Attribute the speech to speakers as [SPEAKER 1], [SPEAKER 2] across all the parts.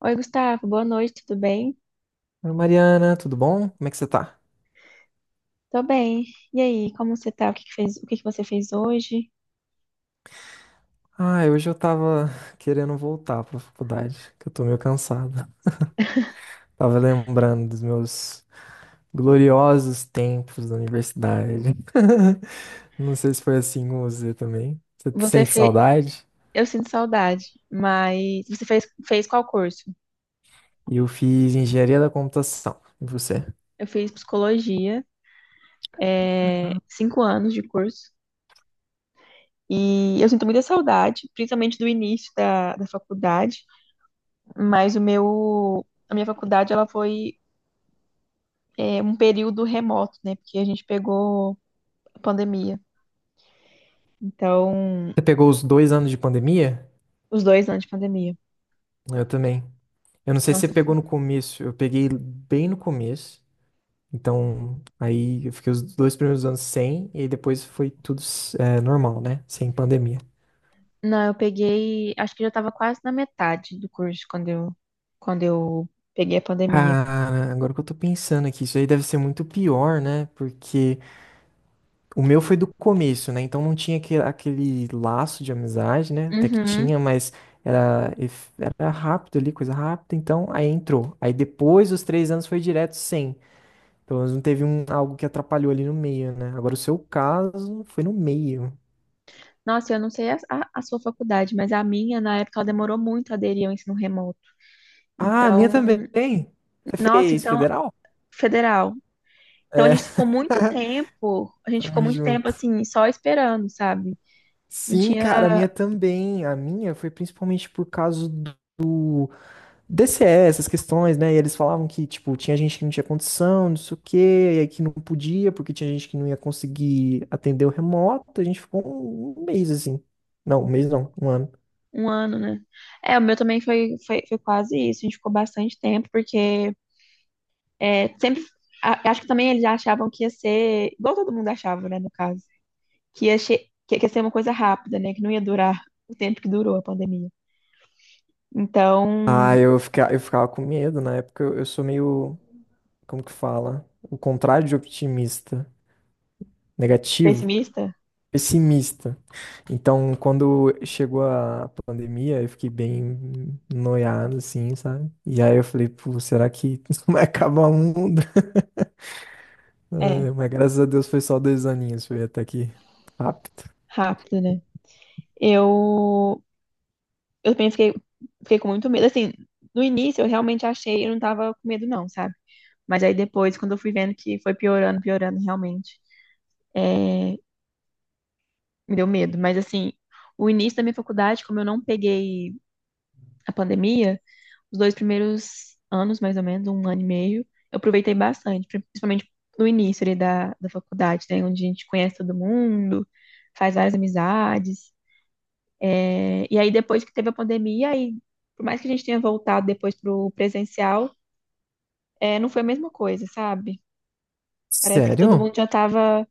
[SPEAKER 1] Oi, Gustavo, boa noite, tudo bem?
[SPEAKER 2] Oi, Mariana, tudo bom? Como é que você tá?
[SPEAKER 1] Tô bem. E aí, como você tá? O que que fez, o que que você fez hoje?
[SPEAKER 2] Ah, hoje eu tava querendo voltar pra faculdade, que eu tô meio cansado. Tava lembrando dos meus gloriosos tempos da universidade. Não sei se foi assim com você também. Você
[SPEAKER 1] Você
[SPEAKER 2] sente
[SPEAKER 1] fez,
[SPEAKER 2] saudade?
[SPEAKER 1] eu sinto saudade, mas você fez qual curso?
[SPEAKER 2] Eu fiz engenharia da computação. E você?
[SPEAKER 1] Eu fiz psicologia, 5 anos de curso, e eu sinto muita saudade, principalmente do início da faculdade, mas a minha faculdade, ela foi, um período remoto, né? Porque a gente pegou a pandemia, então,
[SPEAKER 2] Você pegou os dois anos de pandemia?
[SPEAKER 1] os 2 anos de pandemia.
[SPEAKER 2] Eu também. Eu não sei se você
[SPEAKER 1] Nossa,
[SPEAKER 2] pegou no começo. Eu peguei bem no começo. Então, aí eu fiquei os dois primeiros anos sem, e aí depois foi tudo normal, né? Sem pandemia.
[SPEAKER 1] não, eu peguei, acho que já estava quase na metade do curso quando eu peguei a pandemia.
[SPEAKER 2] Cara, agora que eu tô pensando aqui, isso aí deve ser muito pior, né? Porque o meu foi do começo, né? Então não tinha aquele laço de amizade, né? Até que
[SPEAKER 1] Uhum.
[SPEAKER 2] tinha, mas era, era rápido ali, coisa rápida. Então aí entrou. Aí depois dos três anos foi direto sem. Pelo menos não teve um, algo que atrapalhou ali no meio, né? Agora o seu caso foi no meio.
[SPEAKER 1] Nossa, eu não sei a sua faculdade, mas a minha, na época, ela demorou muito a aderir ao ensino remoto.
[SPEAKER 2] Ah, a minha
[SPEAKER 1] Então,
[SPEAKER 2] também. Você
[SPEAKER 1] nossa,
[SPEAKER 2] fez
[SPEAKER 1] então,
[SPEAKER 2] federal?
[SPEAKER 1] federal. Então, a
[SPEAKER 2] É,
[SPEAKER 1] gente ficou muito tempo, a gente
[SPEAKER 2] tamo
[SPEAKER 1] ficou muito tempo,
[SPEAKER 2] junto.
[SPEAKER 1] assim, só esperando, sabe? Não
[SPEAKER 2] Sim, cara, a
[SPEAKER 1] tinha
[SPEAKER 2] minha também. A minha foi principalmente por causa do DCE, essas questões, né? E eles falavam que, tipo, tinha gente que não tinha condição, não sei o quê, e aí que não podia, porque tinha gente que não ia conseguir atender o remoto. A gente ficou um mês assim. Não, um mês não, um ano.
[SPEAKER 1] um ano, né? É, o meu também foi quase isso. A gente ficou bastante tempo, porque sempre, acho que também eles achavam que ia ser, igual todo mundo achava, né, no caso, que ia, che- que ia ser uma coisa rápida, né, que não ia durar o tempo que durou a pandemia. Então,
[SPEAKER 2] Ah, eu ficava com medo. Na época eu sou meio, como que fala? O contrário de otimista, negativo.
[SPEAKER 1] pessimista?
[SPEAKER 2] Pessimista. Então, quando chegou a pandemia, eu fiquei bem noiado, assim, sabe? E aí eu falei, pô, será que isso vai acabar o mundo?
[SPEAKER 1] É,
[SPEAKER 2] Ai, mas graças a Deus foi só dois aninhos, foi até aqui rápido.
[SPEAKER 1] rápido, né? Eu, eu penso que fiquei com muito medo. Assim, no início eu realmente achei, eu não tava com medo não, sabe? Mas aí depois, quando eu fui vendo que foi piorando, piorando realmente, é, me deu medo. Mas assim, o início da minha faculdade, como eu não peguei a pandemia, os 2 primeiros anos, mais ou menos, um ano e meio, eu aproveitei bastante, principalmente no início ali da faculdade, né? Onde a gente conhece todo mundo, faz várias amizades. E aí, depois que teve a pandemia, aí, por mais que a gente tenha voltado depois pro presencial, não foi a mesma coisa, sabe? Parece que todo
[SPEAKER 2] Sério?
[SPEAKER 1] mundo já tava,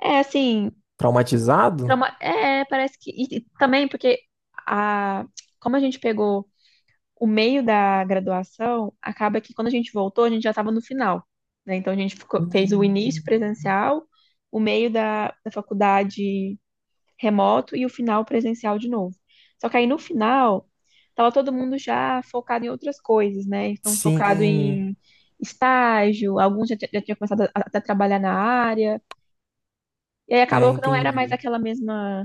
[SPEAKER 1] é, assim,
[SPEAKER 2] Traumatizado?
[SPEAKER 1] e também porque a, como a gente pegou o meio da graduação acaba que quando a gente voltou, a gente já estava no final, né? Então a gente fez o início
[SPEAKER 2] Hum.
[SPEAKER 1] presencial, o meio da faculdade remoto e o final presencial de novo. Só que aí no final, estava todo mundo já focado em outras coisas, né? Então focado
[SPEAKER 2] Sim,
[SPEAKER 1] em estágio, alguns já, já tinham começado a trabalhar na área, e aí
[SPEAKER 2] é,
[SPEAKER 1] acabou que não era mais
[SPEAKER 2] entendi.
[SPEAKER 1] aquela mesma,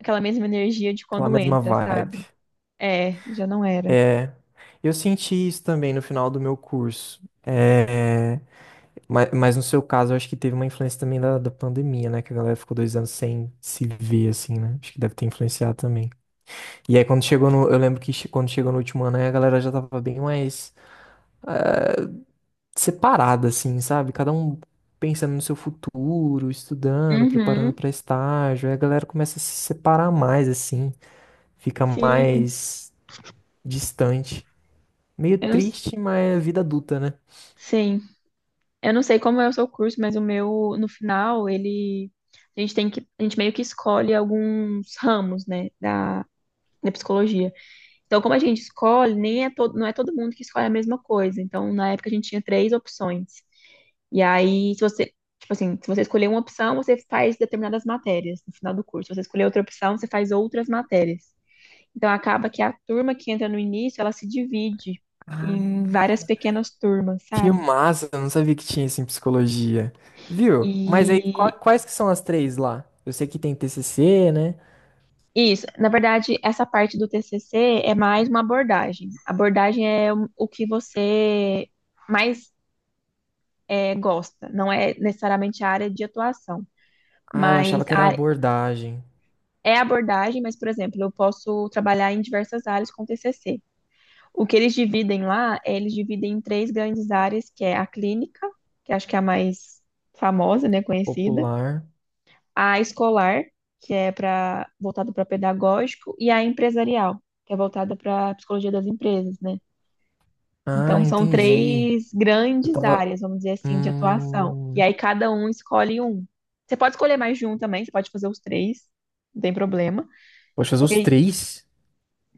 [SPEAKER 1] aquela mesma energia de
[SPEAKER 2] Aquela
[SPEAKER 1] quando
[SPEAKER 2] mesma
[SPEAKER 1] entra,
[SPEAKER 2] vibe.
[SPEAKER 1] sabe? É, já não era.
[SPEAKER 2] É, eu senti isso também no final do meu curso. É, mas no seu caso, eu acho que teve uma influência também da pandemia, né? Que a galera ficou dois anos sem se ver, assim, né? Acho que deve ter influenciado também. E aí, quando chegou no. Eu lembro que quando chegou no último ano, aí a galera já tava bem mais separada, assim, sabe? Cada um pensando no seu futuro, estudando, preparando
[SPEAKER 1] Uhum,
[SPEAKER 2] pra estágio. Aí a galera começa a se separar mais, assim. Fica
[SPEAKER 1] sim.
[SPEAKER 2] mais distante. Meio
[SPEAKER 1] Eu não
[SPEAKER 2] triste, mas é vida adulta, né?
[SPEAKER 1] Sim, eu não sei como é o seu curso, mas o meu, no final, a gente meio que escolhe alguns ramos, né, da psicologia. Então, como a gente escolhe, nem é todo, não é todo mundo que escolhe a mesma coisa. Então, na época a gente tinha três opções. E aí, se você, tipo assim, se você escolher uma opção, você faz determinadas matérias no final do curso. Se você escolher outra opção, você faz outras matérias. Então, acaba que a turma que entra no início, ela se divide em várias pequenas turmas,
[SPEAKER 2] Que
[SPEAKER 1] sabe?
[SPEAKER 2] massa, eu não sabia que tinha isso em psicologia. Viu? Mas aí,
[SPEAKER 1] E
[SPEAKER 2] quais que são as três lá? Eu sei que tem TCC, né?
[SPEAKER 1] Isso, na verdade, essa parte do TCC é mais uma abordagem. Abordagem é o que você mais gosta, não é necessariamente a área de atuação,
[SPEAKER 2] Ah, eu
[SPEAKER 1] mas
[SPEAKER 2] achava que
[SPEAKER 1] a
[SPEAKER 2] era
[SPEAKER 1] área-
[SPEAKER 2] abordagem.
[SPEAKER 1] é abordagem, mas, por exemplo, eu posso trabalhar em diversas áreas com TCC. O que eles dividem lá, é, eles dividem em três grandes áreas, que é a clínica, que acho que é a mais famosa, né, conhecida,
[SPEAKER 2] Popular.
[SPEAKER 1] a escolar, que é para voltada para pedagógico, e a empresarial, que é voltada para psicologia das empresas, né?
[SPEAKER 2] Ah,
[SPEAKER 1] Então são
[SPEAKER 2] entendi.
[SPEAKER 1] três
[SPEAKER 2] Eu
[SPEAKER 1] grandes
[SPEAKER 2] tava.
[SPEAKER 1] áreas, vamos dizer assim, de atuação. E
[SPEAKER 2] Hum...
[SPEAKER 1] aí cada um escolhe um. Você pode escolher mais de um também, você pode fazer os três, não tem problema.
[SPEAKER 2] Poxa, fazer
[SPEAKER 1] Só que
[SPEAKER 2] os
[SPEAKER 1] aí-
[SPEAKER 2] três?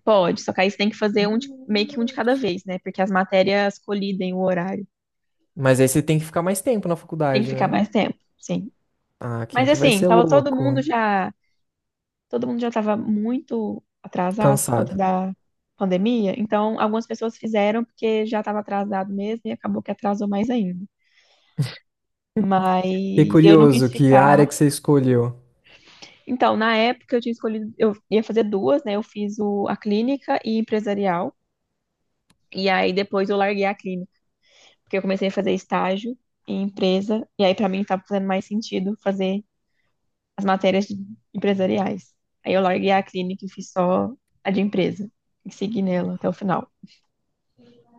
[SPEAKER 1] pode, só que aí você tem que fazer meio
[SPEAKER 2] Hum.
[SPEAKER 1] que um de cada vez, né? Porque as matérias colidem o horário.
[SPEAKER 2] Mas aí você tem que ficar mais tempo na
[SPEAKER 1] Tem que
[SPEAKER 2] faculdade,
[SPEAKER 1] ficar
[SPEAKER 2] né?
[SPEAKER 1] mais tempo, sim.
[SPEAKER 2] Ah, quem
[SPEAKER 1] Mas
[SPEAKER 2] que vai
[SPEAKER 1] assim,
[SPEAKER 2] ser
[SPEAKER 1] tava
[SPEAKER 2] louco?
[SPEAKER 1] todo mundo já estava muito atrasado por conta
[SPEAKER 2] Cansado.
[SPEAKER 1] da pandemia, então algumas pessoas fizeram porque já estava atrasado mesmo e acabou que atrasou mais ainda.
[SPEAKER 2] Fiquei
[SPEAKER 1] Mas eu não quis
[SPEAKER 2] curioso, que área
[SPEAKER 1] ficar.
[SPEAKER 2] que você escolheu?
[SPEAKER 1] Então, na época eu tinha escolhido, eu ia fazer duas, né? Eu fiz a clínica e empresarial. E aí depois eu larguei a clínica, porque eu comecei a fazer estágio em empresa, e aí para mim estava fazendo mais sentido fazer as empresariais. Aí eu larguei a clínica e fiz só a de empresa, e segui nela até o final.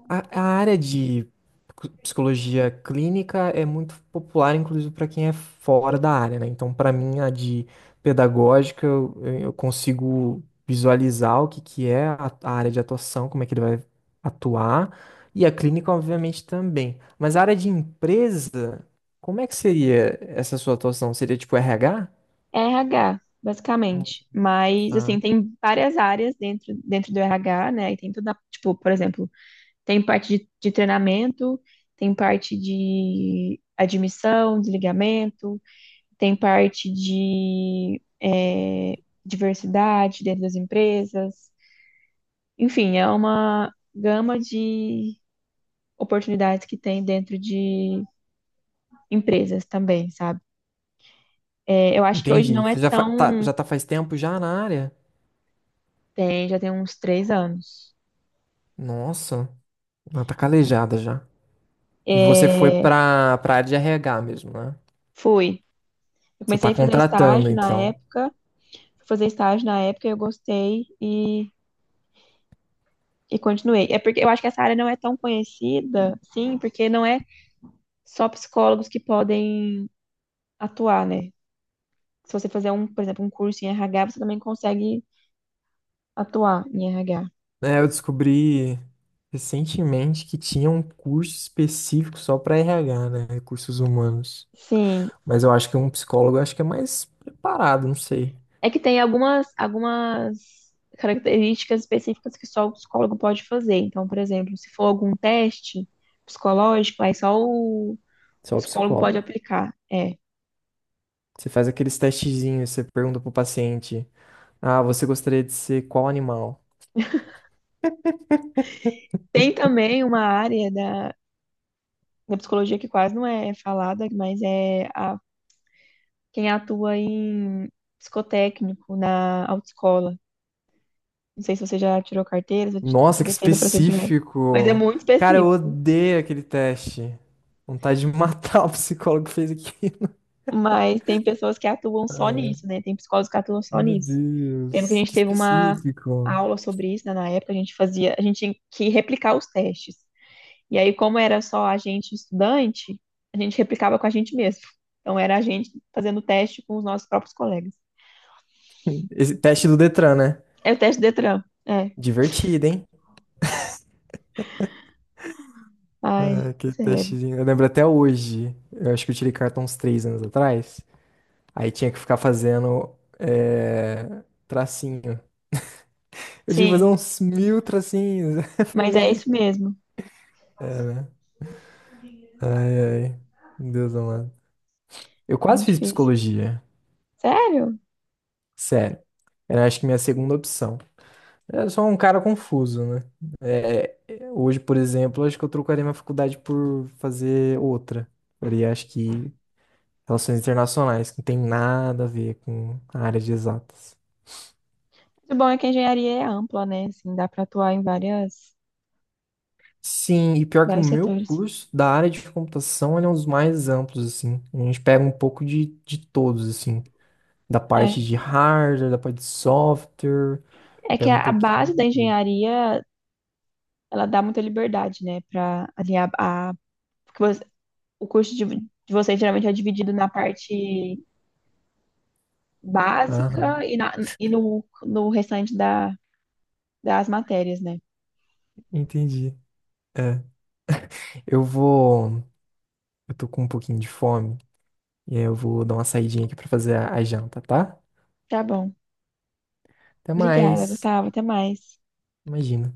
[SPEAKER 2] A área de psicologia clínica é muito popular, inclusive para quem é fora da área, né? Então, para mim, a de pedagógica, eu consigo visualizar que é a área de atuação, como é que ele vai atuar, e a clínica, obviamente, também. Mas a área de empresa, como é que seria essa sua atuação? Seria tipo RH?
[SPEAKER 1] RH, basicamente. Mas,
[SPEAKER 2] Tá.
[SPEAKER 1] assim, tem várias áreas dentro, dentro do RH, né? E tem toda, tipo, por exemplo, tem parte de treinamento, tem parte de admissão, desligamento, tem parte de diversidade dentro das empresas. Enfim, é uma gama de oportunidades que tem dentro de empresas também, sabe? É, eu acho que hoje
[SPEAKER 2] Entendi.
[SPEAKER 1] não
[SPEAKER 2] Você
[SPEAKER 1] é
[SPEAKER 2] já,
[SPEAKER 1] tão.
[SPEAKER 2] já tá faz tempo já na área?
[SPEAKER 1] Já tem uns 3 anos.
[SPEAKER 2] Nossa, ela tá calejada já. E você foi
[SPEAKER 1] É,
[SPEAKER 2] pra área de RH mesmo, né?
[SPEAKER 1] fui. Eu
[SPEAKER 2] Você
[SPEAKER 1] comecei
[SPEAKER 2] tá
[SPEAKER 1] a fazer
[SPEAKER 2] contratando,
[SPEAKER 1] estágio na
[SPEAKER 2] então.
[SPEAKER 1] época, fui fazer estágio na época, eu gostei e continuei. É porque eu acho que essa área não é tão conhecida, sim, porque não é só psicólogos que podem atuar, né? Se você fazer um, por exemplo, um curso em RH, você também consegue atuar em RH.
[SPEAKER 2] É, eu descobri recentemente que tinha um curso específico só pra RH, né? Recursos humanos.
[SPEAKER 1] Sim.
[SPEAKER 2] Mas eu acho que um psicólogo eu acho que é mais preparado, não sei.
[SPEAKER 1] É que tem algumas características específicas que só o psicólogo pode fazer. Então, por exemplo, se for algum teste psicológico, aí só o
[SPEAKER 2] Só o
[SPEAKER 1] psicólogo pode
[SPEAKER 2] psicólogo.
[SPEAKER 1] aplicar. É.
[SPEAKER 2] Você faz aqueles testezinhos, você pergunta pro paciente: Ah, você gostaria de ser qual animal?
[SPEAKER 1] Tem também uma área da psicologia que quase não é falada, mas quem atua em psicotécnico na autoescola. Não sei se você já tirou carteira, se
[SPEAKER 2] Nossa, que
[SPEAKER 1] você fez o procedimento, mas é
[SPEAKER 2] específico!
[SPEAKER 1] muito
[SPEAKER 2] Cara, eu
[SPEAKER 1] específico.
[SPEAKER 2] odeio aquele teste. Vontade de matar o psicólogo que fez aquilo.
[SPEAKER 1] Mas tem pessoas que atuam só nisso, né? Tem psicólogos que atuam só
[SPEAKER 2] Meu
[SPEAKER 1] nisso. Lembro que a
[SPEAKER 2] Deus,
[SPEAKER 1] gente
[SPEAKER 2] que
[SPEAKER 1] teve uma
[SPEAKER 2] específico.
[SPEAKER 1] aula sobre isso, né? Na época a gente fazia, a gente tinha que replicar os testes. E aí, como era só a gente estudante, a gente replicava com a gente mesmo. Então, era a gente fazendo teste com os nossos próprios colegas.
[SPEAKER 2] Esse teste do Detran, né?
[SPEAKER 1] É o teste Detran. É.
[SPEAKER 2] Divertido, hein? Ah,
[SPEAKER 1] Ai,
[SPEAKER 2] que
[SPEAKER 1] sério.
[SPEAKER 2] testezinho. Eu lembro até hoje. Eu acho que eu tirei carta uns três anos atrás. Aí tinha que ficar fazendo tracinho. Eu tinha que fazer
[SPEAKER 1] Sim,
[SPEAKER 2] uns mil tracinhos. Eu falei,
[SPEAKER 1] mas
[SPEAKER 2] meu
[SPEAKER 1] é isso
[SPEAKER 2] Deus.
[SPEAKER 1] mesmo.
[SPEAKER 2] Ai, meu Deus amado. Eu quase
[SPEAKER 1] Muito
[SPEAKER 2] fiz
[SPEAKER 1] difícil.
[SPEAKER 2] psicologia.
[SPEAKER 1] Sério?
[SPEAKER 2] Sério. Era acho que minha segunda opção. Eu sou um cara confuso, né? É, hoje, por exemplo, acho que eu trocaria minha faculdade por fazer outra. Faria, acho que, relações internacionais, que não tem nada a ver com a área de exatas.
[SPEAKER 1] O bom é que a engenharia é ampla, né? Assim, dá para atuar em
[SPEAKER 2] Sim, e pior que o
[SPEAKER 1] vários
[SPEAKER 2] meu
[SPEAKER 1] setores.
[SPEAKER 2] curso da área de computação, ele é um dos mais amplos, assim. A gente pega um pouco de todos, assim. Da parte
[SPEAKER 1] É.
[SPEAKER 2] de hardware, da parte de software,
[SPEAKER 1] É que
[SPEAKER 2] pega um
[SPEAKER 1] a
[SPEAKER 2] pouquinho
[SPEAKER 1] base da
[SPEAKER 2] de tudo.
[SPEAKER 1] engenharia, ela dá muita liberdade, né? Para alinhar a. Porque o curso de vocês geralmente é dividido na parte básica
[SPEAKER 2] Aham,
[SPEAKER 1] e, e no restante das matérias, né?
[SPEAKER 2] entendi. É. Eu vou. Eu tô com um pouquinho de fome. E aí eu vou dar uma saidinha aqui pra fazer a janta, tá?
[SPEAKER 1] Tá bom.
[SPEAKER 2] Até
[SPEAKER 1] Obrigada,
[SPEAKER 2] mais.
[SPEAKER 1] Gustavo. Até mais.
[SPEAKER 2] Imagina.